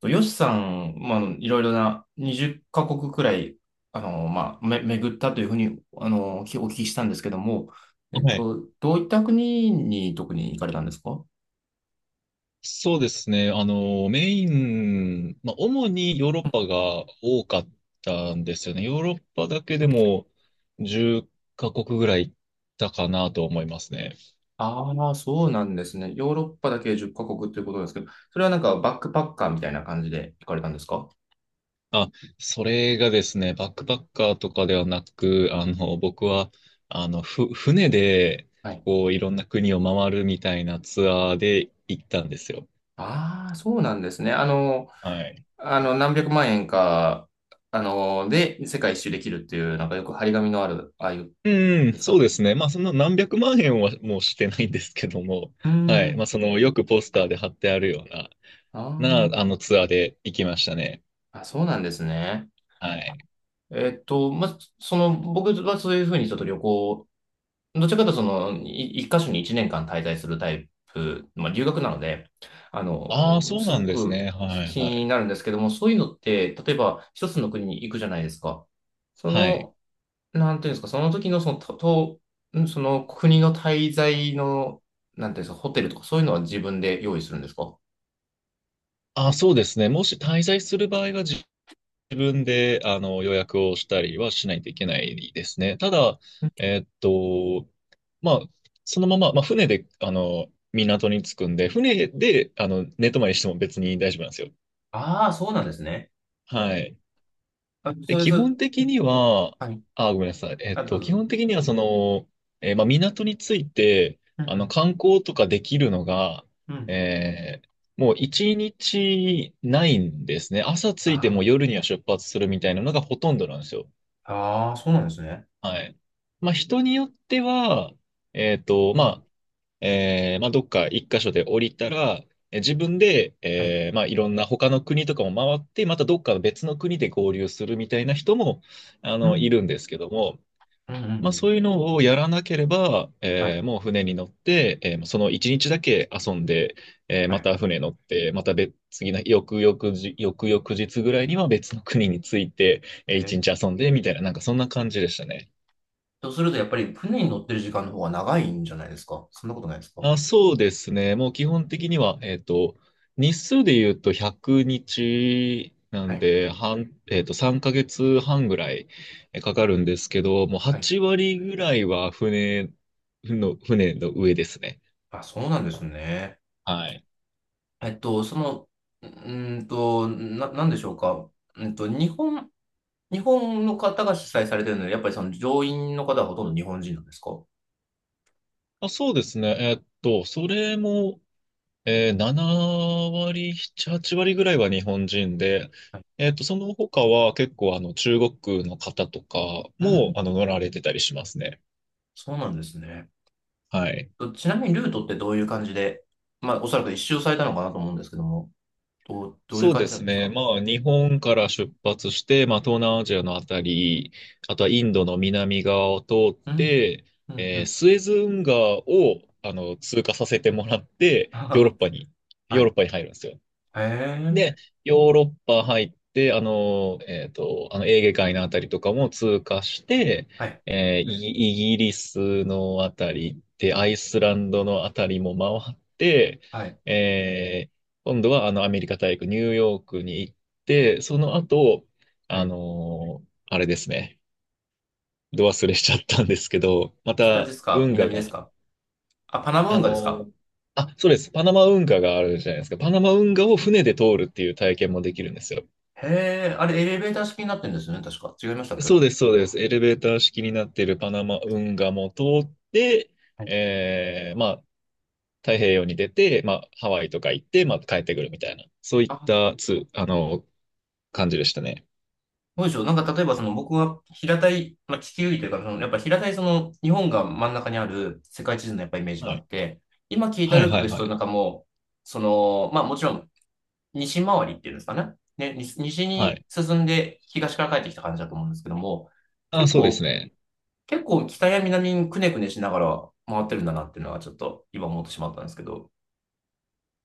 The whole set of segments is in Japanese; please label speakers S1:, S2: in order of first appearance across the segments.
S1: とヨシさん、まあ、いろいろな20カ国くらい、まあ、巡ったというふうに、お聞きしたんですけども、
S2: はい。
S1: どういった国に特に行かれたんですか？
S2: そうですね。メイン、まあ、主にヨーロッパが多かったんですよね。ヨーロッパだけでも10カ国ぐらい行ったかなと思いますね。
S1: ああー、そうなんですね。ヨーロッパだけ10カ国ということですけど、それはなんかバックパッカーみたいな感じで行かれたんですか？
S2: あ、それがですね、バックパッカーとかではなく、僕は、船で、
S1: はい。
S2: こう、いろんな国を回るみたいなツアーで行ったんですよ。
S1: ああ、そうなんですね。
S2: はい。
S1: 何百万円か、で、世界一周できるっていう、なんかよく張り紙のある、ああいう
S2: うん、
S1: です
S2: そう
S1: か。
S2: ですね。まあ、そんな何百万円はもうしてないんですけども、
S1: うんう
S2: はい。まあ、
S1: ん。
S2: よくポスターで貼ってあるような、
S1: ああ。
S2: ツアーで行きましたね。
S1: あ、そうなんですね。
S2: はい。
S1: まあ、その、僕はそういうふうにちょっと旅行、どちらかというとその、一箇所に一年間滞在するタイプ、まあ、留学なので、
S2: ああ、そう
S1: す
S2: な
S1: ご
S2: んです
S1: く
S2: ね。はい、
S1: 気
S2: は
S1: に
S2: い。
S1: なるんですけども、そういうのって、例えば一つの国に行くじゃないですか。そ
S2: はい。
S1: の、なんていうんですか、その時のその、と、とんその国の滞在の、なんていうんですか、ホテルとかそういうのは自分で用意するんですか？
S2: ああ、そうですね。もし滞在する場合は自分で、予約をしたりはしないといけないですね。ただ、えーっと、まあ、そのまま、まあ、船で、港に着くんで、船で、寝泊まりしても別に大丈夫なんですよ。
S1: ああ、そうなんですね。
S2: はい。
S1: あ、そ
S2: で、
S1: うで
S2: 基
S1: す。
S2: 本的には、
S1: はい。
S2: あ、ごめんなさい。
S1: あ、どう
S2: 基
S1: ぞ。
S2: 本的には、まあ、港について、
S1: うんうん
S2: 観光とかできるのが、
S1: うん
S2: えーもう一日ないんですね。朝着いてもう
S1: あ
S2: 夜には出発するみたいなのがほとんどなんですよ。
S1: ーあー、そうなんですね。
S2: はい。まあ、人によっては、
S1: う
S2: ま
S1: ん。
S2: あ、まあ、どっか一箇所で降りたら、自分で、
S1: はい。
S2: まあ、いろんな他の国とかも回って、またどっか別の国で合流するみたいな人も、
S1: う
S2: い
S1: ん。
S2: るんですけども、
S1: うんうんうん
S2: ま
S1: う
S2: あ、そ
S1: ん。
S2: ういうのをやらなければ、
S1: はい。
S2: もう船に乗って、その一日だけ遊んで、
S1: は
S2: ま
S1: い。
S2: た船乗って、また別、次の翌々日ぐらいには別の国に着いて、
S1: え
S2: 一
S1: ー、
S2: 日遊んで、みたいな、なんかそんな感じでしたね。
S1: とすると、やっぱり船に乗ってる時間の方が長いんじゃないですか？そんなことないですか？
S2: あ、そうですね。もう基本的には、日数で言うと100日な
S1: は
S2: ん
S1: い。
S2: で、3ヶ月半ぐらいかかるんですけど、もう
S1: はい。
S2: 8割ぐらいは船の上ですね。
S1: あ、そうなんですね。
S2: はい。
S1: その、なんでしょうか？うんと、日本、日本の方が主催されてるので、やっぱりその乗員の方はほとんど日本人なんですか？は
S2: あ、そうですね。それも、7割、7、8割ぐらいは日本人で、
S1: い。
S2: その他は結構中国の方とか
S1: う
S2: も
S1: ん。
S2: 乗られてたりしますね。
S1: そうなんですね。
S2: はい。
S1: とちなみにルートってどういう感じで、まあ、おそらく一周されたのかなと思うんですけども。どういう
S2: そう
S1: 感
S2: で
S1: じな
S2: す
S1: んです
S2: ね。
S1: か？
S2: まあ、日本から出発して、まあ、東南アジアのあたり、あとはインドの南側を通っ
S1: うん、
S2: て、
S1: うん、うん。
S2: スエズ運河を、通過させてもらって、ヨーロッ パに、
S1: は
S2: ヨーロッ
S1: い。
S2: パに入るんですよ。
S1: へ
S2: で、
S1: え。
S2: ヨーロッパ入って、エーゲ海のあたりとかも通過して、
S1: はい、
S2: イギリスのあたりで、アイスランドのあたりも回って、
S1: はい、
S2: えー今度はアメリカ大陸、ニューヨークに行って、その後、
S1: はい。
S2: あれですね、ど忘れしちゃったんですけど、ま
S1: 北で
S2: た、
S1: すか
S2: 運河
S1: 南です
S2: が、
S1: か？あ、パナム運
S2: あ
S1: 河です
S2: の
S1: か？
S2: ーあ、そうです。パナマ運河があるじゃないですか。パナマ運河を船で通るっていう体験もできるんですよ。
S1: へえ、あれエレベーター式になってるんですよね、確か。違いましたっけ？
S2: そうです、そうです。エレベーター式になっているパナマ運河も通って、
S1: はい。
S2: まあ、太平洋に出て、まあ、ハワイとか行って、まあ、帰ってくるみたいな、そういっ
S1: あ、
S2: たつ、あの、感じでしたね。
S1: そうでしょう。なんか例えばその僕が平たい、まあ、地球儀というか、そのやっぱ平たいその日本が真ん中にある世界地図のやっぱイメージが
S2: は
S1: あ
S2: い。
S1: って、今聞いた
S2: はい、
S1: ルート
S2: はい、
S1: です
S2: は
S1: とな
S2: い。
S1: んかもう、その、まあもちろん西回りっていうんですかね。西
S2: は
S1: に
S2: い。
S1: 進んで東から帰ってきた感じだと思うんですけども、
S2: あ、
S1: 結
S2: そうです
S1: 構、
S2: ね。
S1: 結構北や南にくねくねしながら回ってるんだなっていうのはちょっと今思ってしまったんですけど、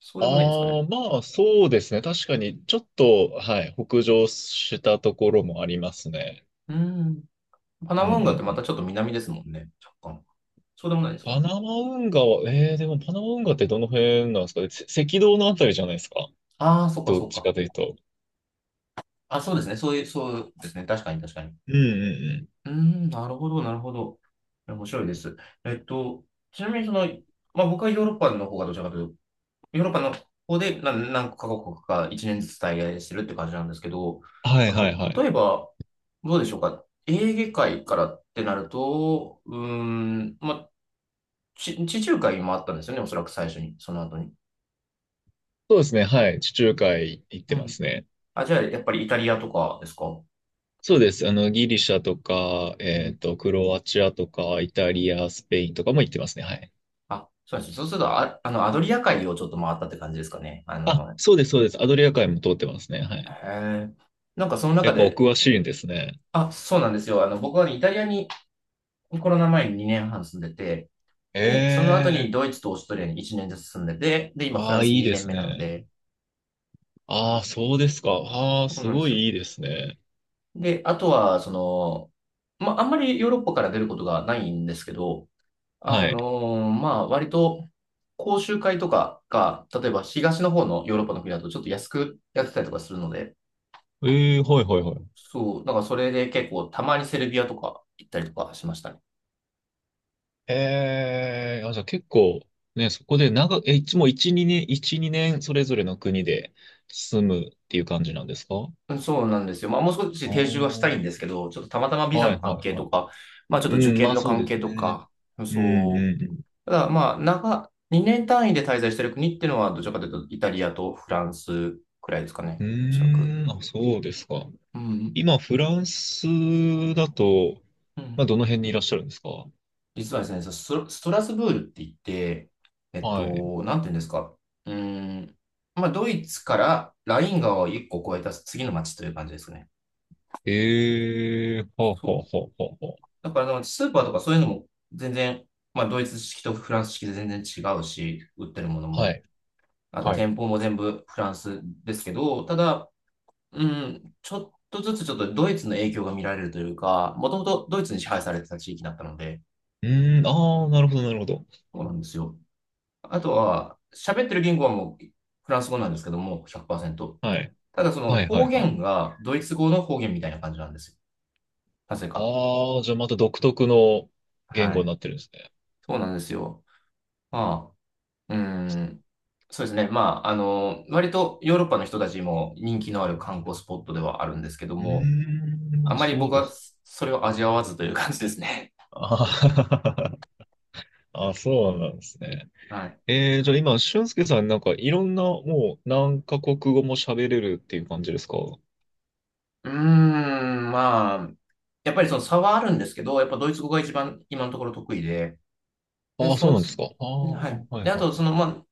S1: そうでもないんですか
S2: あ
S1: ね。
S2: あ、まあ、そうですね。確かに、ちょっと、はい、北上したところもありますね。
S1: うん。パ
S2: うん、
S1: ナ
S2: う
S1: マ運河って
S2: ん、う
S1: また
S2: ん。
S1: ちょっと南ですもんね。若干。そうでもないですか
S2: パ
S1: ね。
S2: ナマ運河は、でもパナマ運河ってどの辺なんですか？赤道のあたりじゃないですか？
S1: ああ、そっか
S2: どっ
S1: そっ
S2: ち
S1: か。
S2: かというと。
S1: あ、そうですね。そういう、そうですね。確かに確かに。
S2: うんうんうん。
S1: うーん、なるほど、なるほど。面白いです。えっと、ちなみにその、まあ僕はヨーロッパの方がどちらかというヨーロッパの方で何カ国か1年ずつ滞在してるって感じなんですけど、
S2: は
S1: あ
S2: いはい
S1: と、
S2: はい。
S1: 例えば、どうでしょうか。エーゲ海からってなると、うーん、まあ、地中海もあったんですよね、おそらく最初に、その後に。
S2: そうですね。はい。地中海行っ
S1: う
S2: てま
S1: ん。
S2: すね。
S1: あ、じゃあ、やっぱりイタリアとかですか？
S2: そうです。ギリシャとか、
S1: うん。
S2: クロアチアとか、イタリア、スペインとかも行ってますね。はい。
S1: あ、そうです。そうすると、あ、アドリア海をちょっと回ったって感じですかね。
S2: あ、そうです、そうです。アドリア海も通ってますね。はい。
S1: へえ。なんかその
S2: や
S1: 中
S2: っぱお
S1: で、
S2: 詳しいんですね。
S1: あ、そうなんですよ。僕はね、イタリアにコロナ前に2年半住んでて、で、その後に
S2: ええ
S1: ドイツとオーストリアに1年ずつ住んでて、で、今フラ
S2: あ
S1: ン
S2: あ、
S1: ス
S2: いいで
S1: 2年
S2: す
S1: 目なの
S2: ね。
S1: で、
S2: ああ、そうですか。ああ、
S1: そう
S2: す
S1: なんで
S2: ご
S1: す
S2: い
S1: よ。
S2: いいですね。
S1: で、あとは、その、まあ、あんまりヨーロッパから出ることがないんですけど、
S2: はい。
S1: まあ、割と、講習会とかが、例えば東の方のヨーロッパの国だとちょっと安くやってたりとかするので、
S2: ええはいはいはい。
S1: そう、だからそれで結構たまにセルビアとか行ったりとかしましたね。
S2: ええあ、じゃあ結構、ね、そこで長、いつもう一二年それぞれの国で住むっていう感じなんですか？あ
S1: うんそうなんですよ。まあ、もう少し
S2: あ
S1: 定住はした
S2: ー、
S1: いんですけど、ちょっとたまたまビザ
S2: は
S1: の
S2: い
S1: 関
S2: は
S1: 係
S2: いは
S1: と
S2: い。
S1: か、まあ、ちょっ
S2: う
S1: と受
S2: ん、ま
S1: 験
S2: あ
S1: の
S2: そう
S1: 関
S2: で
S1: 係
S2: す
S1: と
S2: ね。
S1: か、
S2: うん
S1: そ
S2: う
S1: う、
S2: ん
S1: ただ、まあ、2年単位で滞在してる国っていうのは、どちらかというと、イタリアとフランスくらいですか
S2: う
S1: ね。
S2: ん。
S1: おそらく。
S2: うーん、あ、そうですか。
S1: うん。
S2: 今、フランスだと、
S1: う
S2: まあ
S1: ん。
S2: どの辺にいらっしゃるんですか？
S1: 実はですね、そスト、ストラスブールって言って、
S2: はい。
S1: なんていうんですか。うーん。まあ、ドイツからライン川を1個越えた次の町という感じですね。
S2: ええはあはあ
S1: そ
S2: は
S1: う。
S2: あはあは
S1: だからスーパーとかそういうのも全然、まあ、ドイツ式とフランス式で全然違うし、売ってるもの
S2: あ。は
S1: も、
S2: い。
S1: あと
S2: はい。
S1: 店舗も全部フランスですけど、ただ、うん、ちょっとずつちょっとドイツの影響が見られるというか、もともとドイツに支配されてた地域だったので、
S2: うーん、ああ、なるほどなるほど。
S1: そうなんですよ。あとは、喋ってる言語はもうフランス語なんですけども、100%。
S2: はい。
S1: ただその
S2: はいは
S1: 方
S2: いはい。
S1: 言がドイツ語の方言みたいな感じなんですよ。なぜか。
S2: ああ、じゃあまた独特の言
S1: は
S2: 語に
S1: い。
S2: なってるんですね。
S1: そうなんですよ。まあ、うん。そうですね。まあ、割とヨーロッパの人たちも人気のある観光スポットではあるんですけど
S2: う
S1: も、
S2: ーん、
S1: あ
S2: まあ
S1: まり
S2: そう
S1: 僕
S2: で
S1: は
S2: す。
S1: それを味わわずという感じですね。
S2: あー あ、そうなんですね。
S1: はい。
S2: じゃあ今、俊介さんなんかいろんなもう何カ国語も喋れるっていう感じですか？
S1: うーん、まあ、やっぱりその差はあるんですけど、やっぱドイツ語が一番今のところ得意で、で、
S2: ああ、
S1: そ
S2: そう
S1: の
S2: なんです
S1: 次、
S2: か。あ
S1: は
S2: あ、は
S1: い。
S2: い
S1: で、あ
S2: は
S1: と、
S2: いは
S1: そ
S2: い。
S1: の、まあ、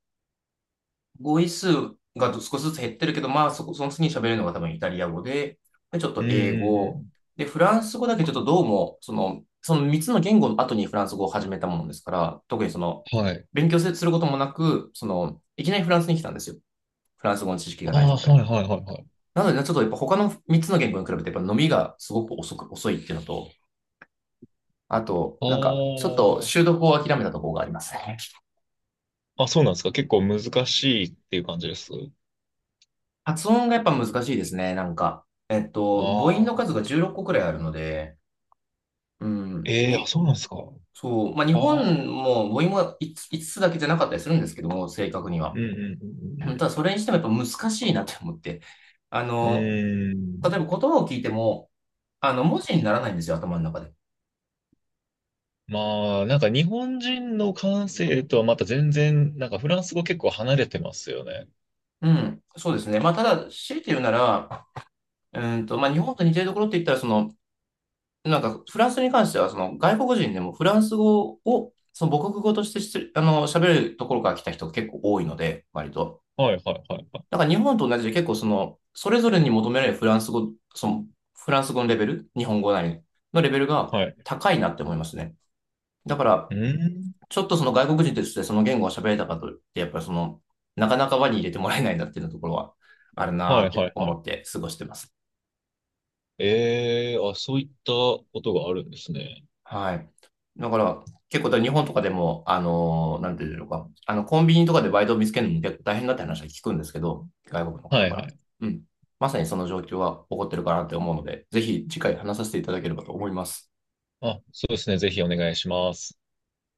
S1: 語彙数が少しずつ減ってるけど、まあ、その次に喋れるのが多分イタリア語で、で、ちょっ
S2: う
S1: と
S2: ん
S1: 英
S2: う
S1: 語、
S2: ん
S1: で、フランス語だけちょっとどうも、その、その3つの言語の後にフランス語を始めたものですから、特にその、
S2: うん。はい。
S1: 勉強することもなく、その、いきなりフランスに来たんですよ。フランス語の知識がない
S2: ああ、
S1: 状態
S2: は
S1: で。
S2: いはいはいはい。
S1: なので、ちょっとやっぱ他の3つの言語に比べて、やっぱ伸びがすごく遅いっていうのと、あと、なんか、ちょっ
S2: あ
S1: と習得を諦めたところがありますね。
S2: あ、あ、そうなんですか。結構難しいっていう感じです。
S1: 発音がやっぱ難しいですね、なんか。母音の
S2: あ
S1: 数が
S2: あ、
S1: 16個くらいあるので、うん、
S2: ええー、あ、そうなんですか。あ
S1: そう、まあ、日本
S2: あ、
S1: も母音も 5, ついつつだけじゃなかったりするんですけども、正確に
S2: うん
S1: は。
S2: う
S1: た
S2: ん
S1: だ、それにしてもやっぱ難しいなって思って。あ
S2: うんう
S1: の、
S2: ん。うん。うー
S1: 例えば
S2: ん、
S1: 言葉を聞いても、文字にならないんですよ、頭の中で。
S2: まあ、なんか日本人の感性とはまた全然、なんかフランス語結構離れてますよね。
S1: うん、そうですね。まあ、ただ、強いて言うなら、まあ、日本と似てるところって言ったら、その、なんか、フランスに関しては、その、外国人でもフランス語を、その母国語としてしつあの、喋るところから来た人が結構多いので、割と。
S2: はいはいはいはい。
S1: だから日本と同じで結構その、それぞれに求められるフランス語、その、フランス語のレベル、日本語なりのレベルが
S2: はい。
S1: 高いなって思いますね。だから、
S2: うん。
S1: ちょっとその外国人としてその言語を喋れたかといって、やっぱりその、なかなか輪に入れてもらえないなっていうところはあるな
S2: は
S1: ー
S2: い
S1: って
S2: はいは
S1: 思
S2: い。
S1: って過ごしてます。
S2: ええー、あ、そういったことがあるんですね。
S1: はい。だから、結構だから日本とかでも、なんていうのか、コンビニとかでバイトを見つけるのも結構大変だって話は聞くんですけど、外国の方
S2: は
S1: か
S2: いは
S1: ら。
S2: い。
S1: うん。まさにその状況は起こってるかなって思うので、ぜひ次回話させていただければと思います。
S2: あ、そうですね。ぜひお願いします。